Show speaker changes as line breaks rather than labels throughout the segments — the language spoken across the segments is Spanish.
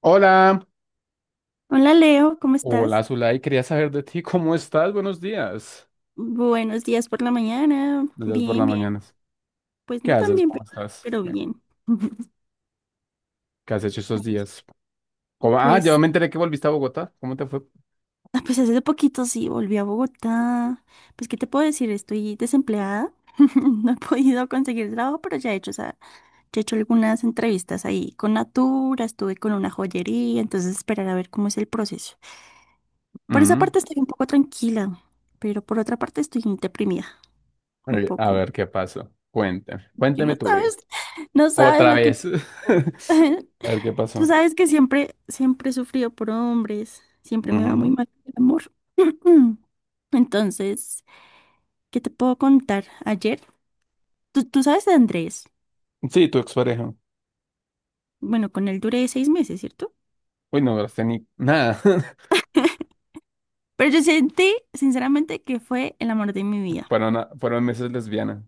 Hola,
Hola Leo, ¿cómo
hola
estás?
Zulay, quería saber de ti, ¿cómo estás?
Buenos días por la mañana.
Buenos días por
Bien,
las
bien.
mañanas.
Pues
¿Qué
no tan
haces?
bien,
¿Cómo
pero
estás?
pero
¿Qué,
bien.
qué has hecho estos días? Ah, ya
Pues,
me enteré que volviste a Bogotá, ¿cómo te fue?
ah, pues hace poquito sí, volví a Bogotá. Pues, ¿qué te puedo decir? Estoy desempleada. No he podido conseguir trabajo, pero ya he hecho, o sea, ya he hecho algunas entrevistas ahí con Natura, estuve con una joyería, entonces esperar a ver cómo es el proceso. Por esa
Mm,
parte estoy un poco tranquila, pero por otra parte estoy deprimida,
a
un
ver, a
poco.
ver qué pasó, cuéntame,
Y
cuéntame
no
tu vida,
sabes, no sabes
otra
lo que...
vez. A ver qué
Tú
pasó.
sabes que siempre, siempre he sufrido por hombres, siempre me va muy
Ujú.
mal el amor. Entonces, ¿qué te puedo contar? Ayer, tú sabes de Andrés,
Sí, tu expareja.
bueno, con él duré 6 meses, ¿cierto?
Uy, no hablaste ni nada.
Pero yo sentí, sinceramente, que fue el amor de mi vida.
Fueron meses, lesbiana.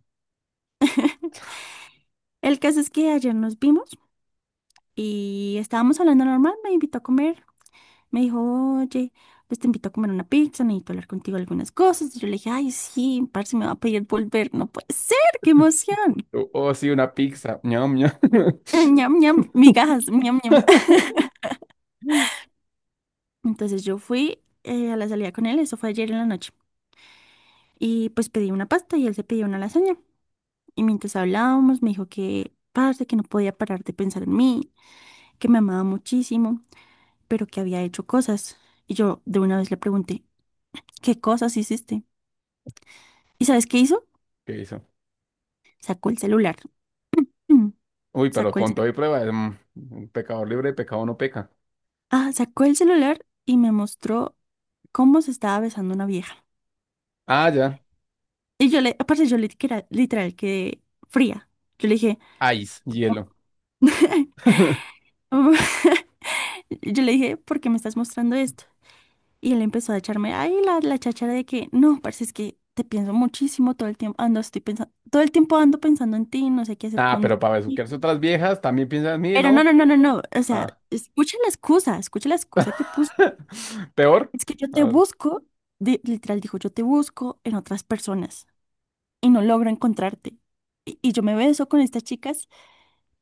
El caso es que ayer nos vimos y estábamos hablando normal, me invitó a comer, me dijo, oye, pues te invito a comer una pizza, necesito hablar contigo algunas cosas. Y yo le dije, ay, sí, parce, me va a pedir volver, no puede ser, qué emoción.
Oh, oh, sí, una pizza, ñam, ñam.
Ñam, ñam, migajas, ñam, ñam. Entonces yo fui a la salida con él, eso fue ayer en la noche. Y pues pedí una pasta y él se pidió una lasaña. Y mientras hablábamos, me dijo que, parce, que no podía parar de pensar en mí, que me amaba muchísimo, pero que había hecho cosas. Y yo de una vez le pregunté, ¿qué cosas hiciste? ¿Y sabes qué hizo?
¿Qué hizo?
Sacó el celular.
Uy, pero
Sacó el,
con
celu-
todo y prueba, pecador libre y pecado no peca.
sacó el celular y me mostró cómo se estaba besando una vieja.
Ah, ya.
Y yo le, aparte yo le literal, literal quedé fría. Yo le dije,
Ice, hielo.
yo le dije, ¿por qué me estás mostrando esto? Y él empezó a echarme ahí la cháchara de que, no, parce, es que te pienso muchísimo todo el tiempo, ando, estoy pensando, todo el tiempo ando pensando en ti, no sé qué hacer
Ah,
con.
pero para besuquearse otras viejas, también piensa en mí,
Pero no,
¿no?
no, no, no, no, o sea,
Ah.
escucha la excusa que puso.
Peor.
Es que yo
A
te
ver.
busco, literal dijo, yo te busco en otras personas y no logro encontrarte. Y yo me beso con estas chicas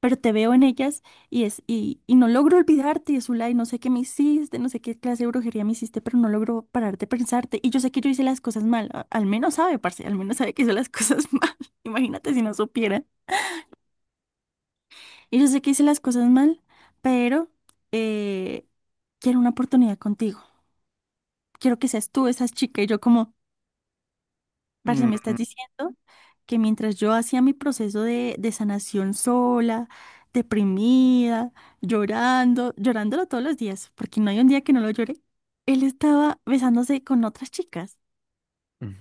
pero te veo en ellas y no logro olvidarte, Zulay, no sé qué me hiciste, no sé qué clase de brujería me hiciste, pero no logro parar de pensarte. Y yo sé que yo hice las cosas mal, al menos sabe, parce, al menos sabe que hice las cosas mal. Imagínate si no supiera. Y yo sé que hice las cosas mal, pero eh, quiero una oportunidad contigo. Quiero que seas tú esa chica y yo como... Parce, me estás
Mm,
diciendo que mientras yo hacía mi proceso de sanación sola, deprimida, llorando, llorándolo todos los días, porque no hay un día que no lo llore, él estaba besándose con otras chicas.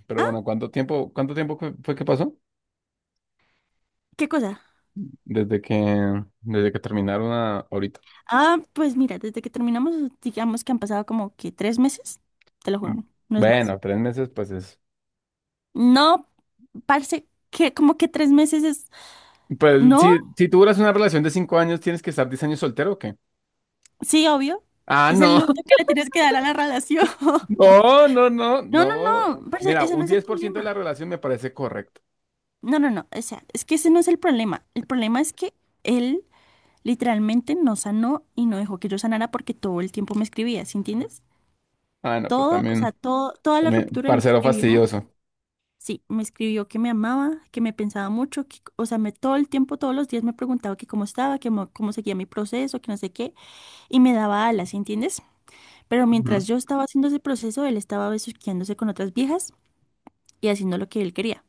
Pero
¿Ah?
bueno, ¿cuánto tiempo fue que pasó?
¿Qué cosa?
Desde que, desde que terminaron ahorita.
Ah, pues mira, desde que terminamos, digamos que han pasado como que 3 meses, te lo
Mm,
juro, no es más.
Bueno, 3 meses, pues es.
No, parce, que como que 3 meses es...
Pues
No,
si, si tú duras una relación de 5 años, ¿tienes que estar 10 años soltero o qué?
sí, obvio,
Ah,
es el luto
no.
que le tienes que dar a la relación.
No, no, no,
No,
no.
no, no, parce,
Mira,
ese
un
no es el
10% de la
problema.
relación me parece correcto.
No, no, no, o sea, es que ese no es el problema. El problema es que él literalmente no sanó y no dejó que yo sanara porque todo el tiempo me escribía, ¿sí entiendes?
Ah, no, pero
Todo, o sea,
también,
todo, toda la
también,
ruptura él me
parcero
escribió,
fastidioso.
sí, me escribió que me amaba, que me pensaba mucho, que, o sea, me, todo el tiempo, todos los días me preguntaba que cómo estaba, que cómo seguía mi proceso, que no sé qué, y me daba alas, ¿sí entiendes? Pero
Ujú.
mientras yo estaba haciendo ese proceso, él estaba besuqueándose con otras viejas y haciendo lo que él quería.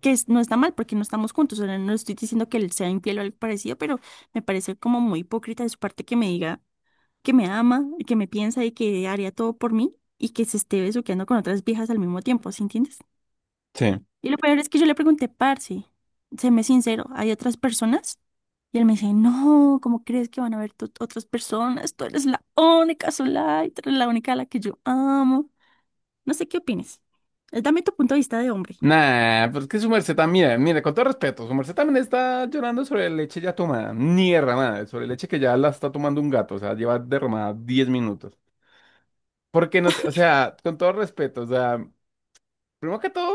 No está mal porque no estamos juntos. O sea, no estoy diciendo que él sea infiel o algo parecido, pero me parece como muy hipócrita de su parte que me diga que me ama, que me piensa y que haría todo por mí y que se esté besuqueando con otras viejas al mismo tiempo, ¿sí entiendes?
Sí.
Y lo peor es que yo le pregunté, parce, séme sincero, ¿hay otras personas? Y él me dice, no, ¿cómo crees que van a haber otras personas? Tú eres la única sola y tú eres la única a la que yo amo. No sé qué opines. Dame tu punto de vista de hombre.
Nah, pues que su merced también, mire, mire, con todo respeto, su merced también está llorando sobre leche ya tomada, ni derramada, sobre leche que ya la está tomando un gato, o sea, lleva derramada 10 minutos. Porque no, te- o sea, con todo respeto, o sea, primero que todo.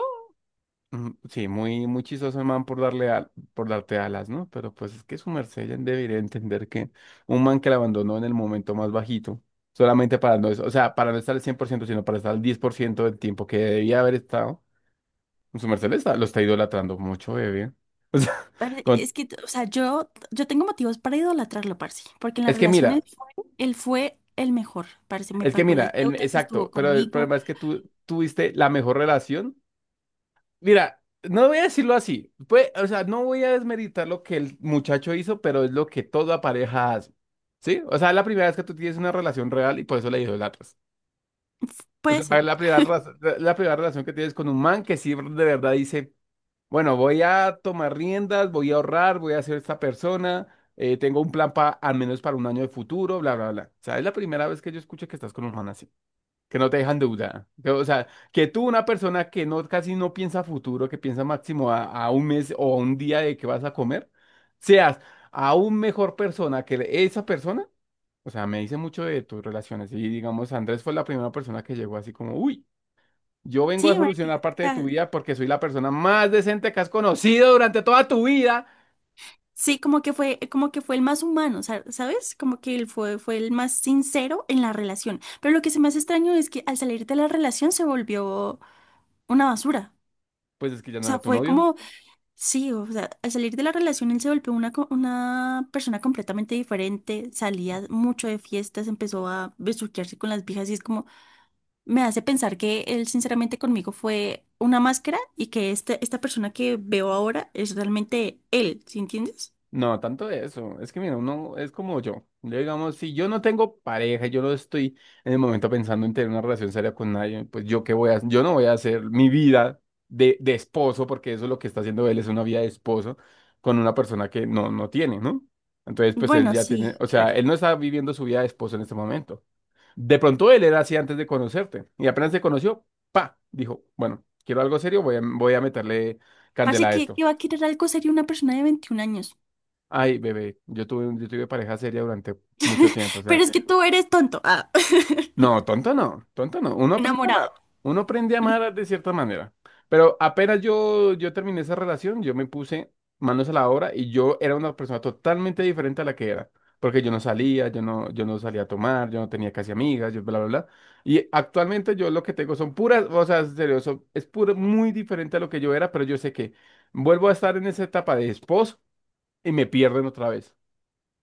Sí, muy, muy chistoso el man por darte alas, ¿no? Pero pues es que su merced ya debería entender que un man que la abandonó en el momento más bajito, solamente para no, o sea, para no estar al 100%, sino para estar al 10% del tiempo que debía haber estado, su merced le está, lo está idolatrando mucho, bebé. O sea,
Pero
con-
es que, o sea, yo tengo motivos para idolatrarlo, parce, porque en las
es que
relaciones
mira,
él fue el mejor, parce, me
es que
pagó
mira,
las deudas, estuvo
exacto, pero el
conmigo.
problema es que tú tuviste la mejor relación. Mira, no voy a decirlo así. Pues, o sea, no voy a desmeritar lo que el muchacho hizo, pero es lo que toda pareja hace. ¿Sí? O sea, es la primera vez que tú tienes una relación real y por eso la idolatras.
F-
O
Puede
sea, es
ser.
la primera relación que tienes con un man que sí de verdad dice, bueno, voy a tomar riendas, voy a ahorrar, voy a ser esta persona, tengo un plan para al menos para un año de futuro, bla, bla, bla. O sea, es la primera vez que yo escucho que estás con un man así que no te dejan duda. Que, o sea, que tú, una persona que no, casi no piensa a futuro, que piensa máximo a un mes o a un día de que vas a comer, seas aún mejor persona que esa persona. O sea, me dice mucho de tus relaciones. Y digamos, Andrés fue la primera persona que llegó así como, uy, yo vengo a
Sí, marica,
solucionar
o
parte de tu
sea,
vida porque soy la persona más decente que has conocido durante toda tu vida.
sí, como que fue el más humano, ¿sabes? Como que él fue, fue el más sincero en la relación. Pero lo que se me hace extraño es que al salir de la relación se volvió una basura.
Pues es que ya
O
no
sea,
era tu
fue
novio.
como. Sí, o sea, al salir de la relación él se volvió una, una persona completamente diferente, salía mucho de fiestas, empezó a besuquearse con las viejas y es como, me hace pensar que él sinceramente conmigo fue una máscara y que este, esta persona que veo ahora es realmente él, ¿sí entiendes?
No, tanto de eso. Es que mira, uno es como yo. Yo, digamos, si yo no tengo pareja, yo no estoy en el momento pensando en tener una relación seria con nadie, pues yo qué voy a, yo no voy a hacer mi vida de esposo, porque eso es lo que está haciendo él, es una vida de esposo con una persona que no, no tiene, ¿no? Entonces, pues él
Bueno,
ya tiene,
sí,
o sea,
claro.
él no está viviendo su vida de esposo en este momento. De pronto él era así antes de conocerte y apenas se conoció, pa, dijo, bueno, quiero algo serio, voy a meterle
Parece
candela a
que,
esto.
que va a querer algo serio una persona de 21 años.
Ay, bebé, yo tuve pareja seria durante mucho tiempo, o sea,
Pero es que tú eres tonto. Ah.
no, tonto no, tonto no, uno aprende a amar,
Enamorado.
uno aprende a amar de cierta manera, pero apenas yo terminé esa relación, yo me puse manos a la obra y yo era una persona totalmente diferente a la que era, porque yo no salía, yo no salía a tomar, yo no tenía casi amigas, yo bla, bla, bla, y actualmente yo lo que tengo son puras, o sea, en serio, son- es puro, muy diferente a lo que yo era, pero yo sé que vuelvo a estar en esa etapa de esposo y me pierden otra vez,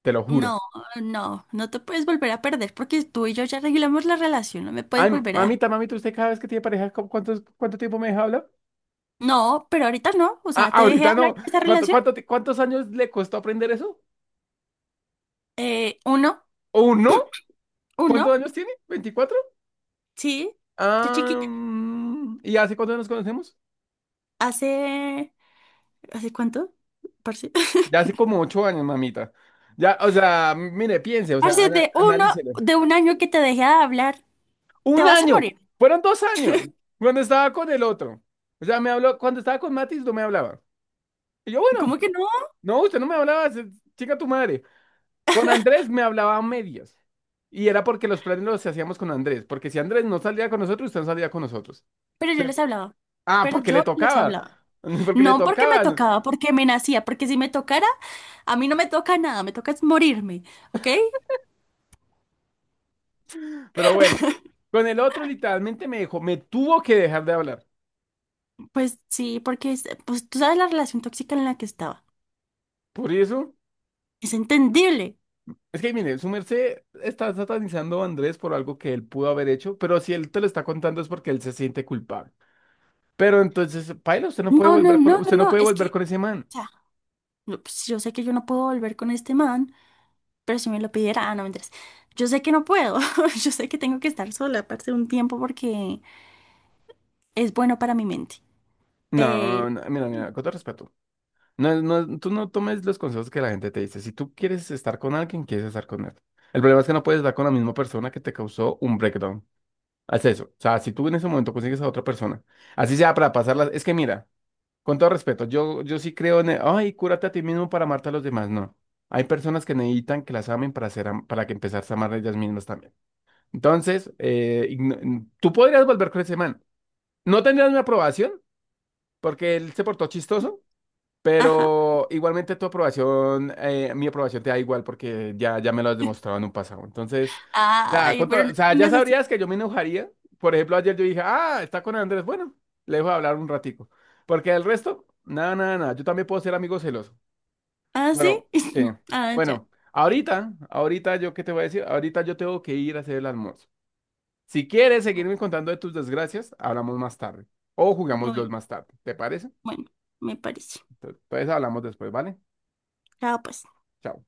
te lo juro.
No, no, no te puedes volver a perder porque tú y yo ya regulamos la relación, no me puedes
Ay,
volver a dejar.
mamita, mamita, usted cada vez que tiene pareja, ¿cuánto tiempo me deja hablar?
No, pero ahorita no, o
Ah,
sea, te dejé
ahorita
hablar
no.
de esa
¿Cuánto,
relación.
cuánto, ti- cuántos años le costó aprender eso?
Eh, uno,
¿O no? ¿Cuántos
uno,
años tiene? 24.
sí, estoy
Ah,
chiquita.
¿y hace cuánto nos conocemos?
Hace, ¿hace cuánto? Parce.
Ya hace como 8 años, mamita. Ya, o sea, mire, piense, o
Parce,
sea,
de uno,
analícelo.
de un año que te dejé de hablar, te
Un
vas a
año,
morir.
fueron 2 años, cuando estaba con el otro. O sea, me habló, cuando estaba con Matis no me hablaba. Y yo, bueno,
¿Cómo que no?
no, usted no me hablaba, chica tu madre. Con Andrés me hablaba a medias. Y era porque los planes los hacíamos con Andrés. Porque si Andrés no salía con nosotros, usted no salía con nosotros.
Pero yo
Se-
les hablaba,
Ah,
pero
porque le
yo les
tocaba.
hablaba.
Porque le
No porque me
tocaban.
tocaba, porque me nacía, porque si me tocara, a mí no me toca nada, me toca es morirme, ¿ok?
Pero bueno, con el otro literalmente me dejó, me tuvo que dejar de hablar.
Pues sí, porque pues tú sabes la relación tóxica en la que estaba.
Por eso,
Es entendible.
es que mire, su merced está satanizando a Andrés por algo que él pudo haber hecho. Pero si él te lo está contando es porque él se siente culpable. Pero entonces, paila, usted no puede
No, no,
volver con,
no, no,
usted no
no.
puede
Es que,
volver
o
con ese man.
sea, no, pues, yo sé que yo no puedo volver con este man, pero si me lo pidiera, ah, no, mentiras. Yo sé que no puedo. Yo sé que tengo que estar sola, aparte de un tiempo, porque es bueno para mi mente.
No,
Pero,
no, mira, mira, con todo respeto. No, no, tú no tomes los consejos que la gente te dice. Si tú quieres estar con alguien, quieres estar con él. El problema es que no puedes estar con la misma persona que te causó un breakdown. Haz eso. O sea, si tú en ese momento consigues a otra persona, así sea para pasarla. Es que mira, con todo respeto, yo sí creo en el, ay, cúrate a ti mismo para amarte a los demás. No. Hay personas que necesitan que las amen para ser, para que empezarse a amar ellas mismas también. Entonces, tú podrías volver con ese man. No tendrías mi aprobación porque él se portó chistoso.
ajá.
Pero igualmente tu aprobación, mi aprobación te da igual porque ya me lo has demostrado en un pasado. Entonces, nada,
Ay, pero no
o
te
sea, ya
pongas así.
sabrías que yo me enojaría. Por ejemplo, ayer yo dije, ah, está con Andrés. Bueno, le dejo hablar un ratico. Porque el resto, nada, nada, nada. Yo también puedo ser amigo celoso.
¿Ah, sí?
Bueno, sí.
Ah, ya.
Bueno,
Bien.
ahorita yo qué te voy a decir. Ahorita yo tengo que ir a hacer el almuerzo. Si quieres seguirme contando de tus desgracias, hablamos más tarde. O jugamos los
Bueno,
más tarde. ¿Te parece?
bueno, me parece.
Entonces, hablamos después, ¿vale?
Chao, pues.
Chao.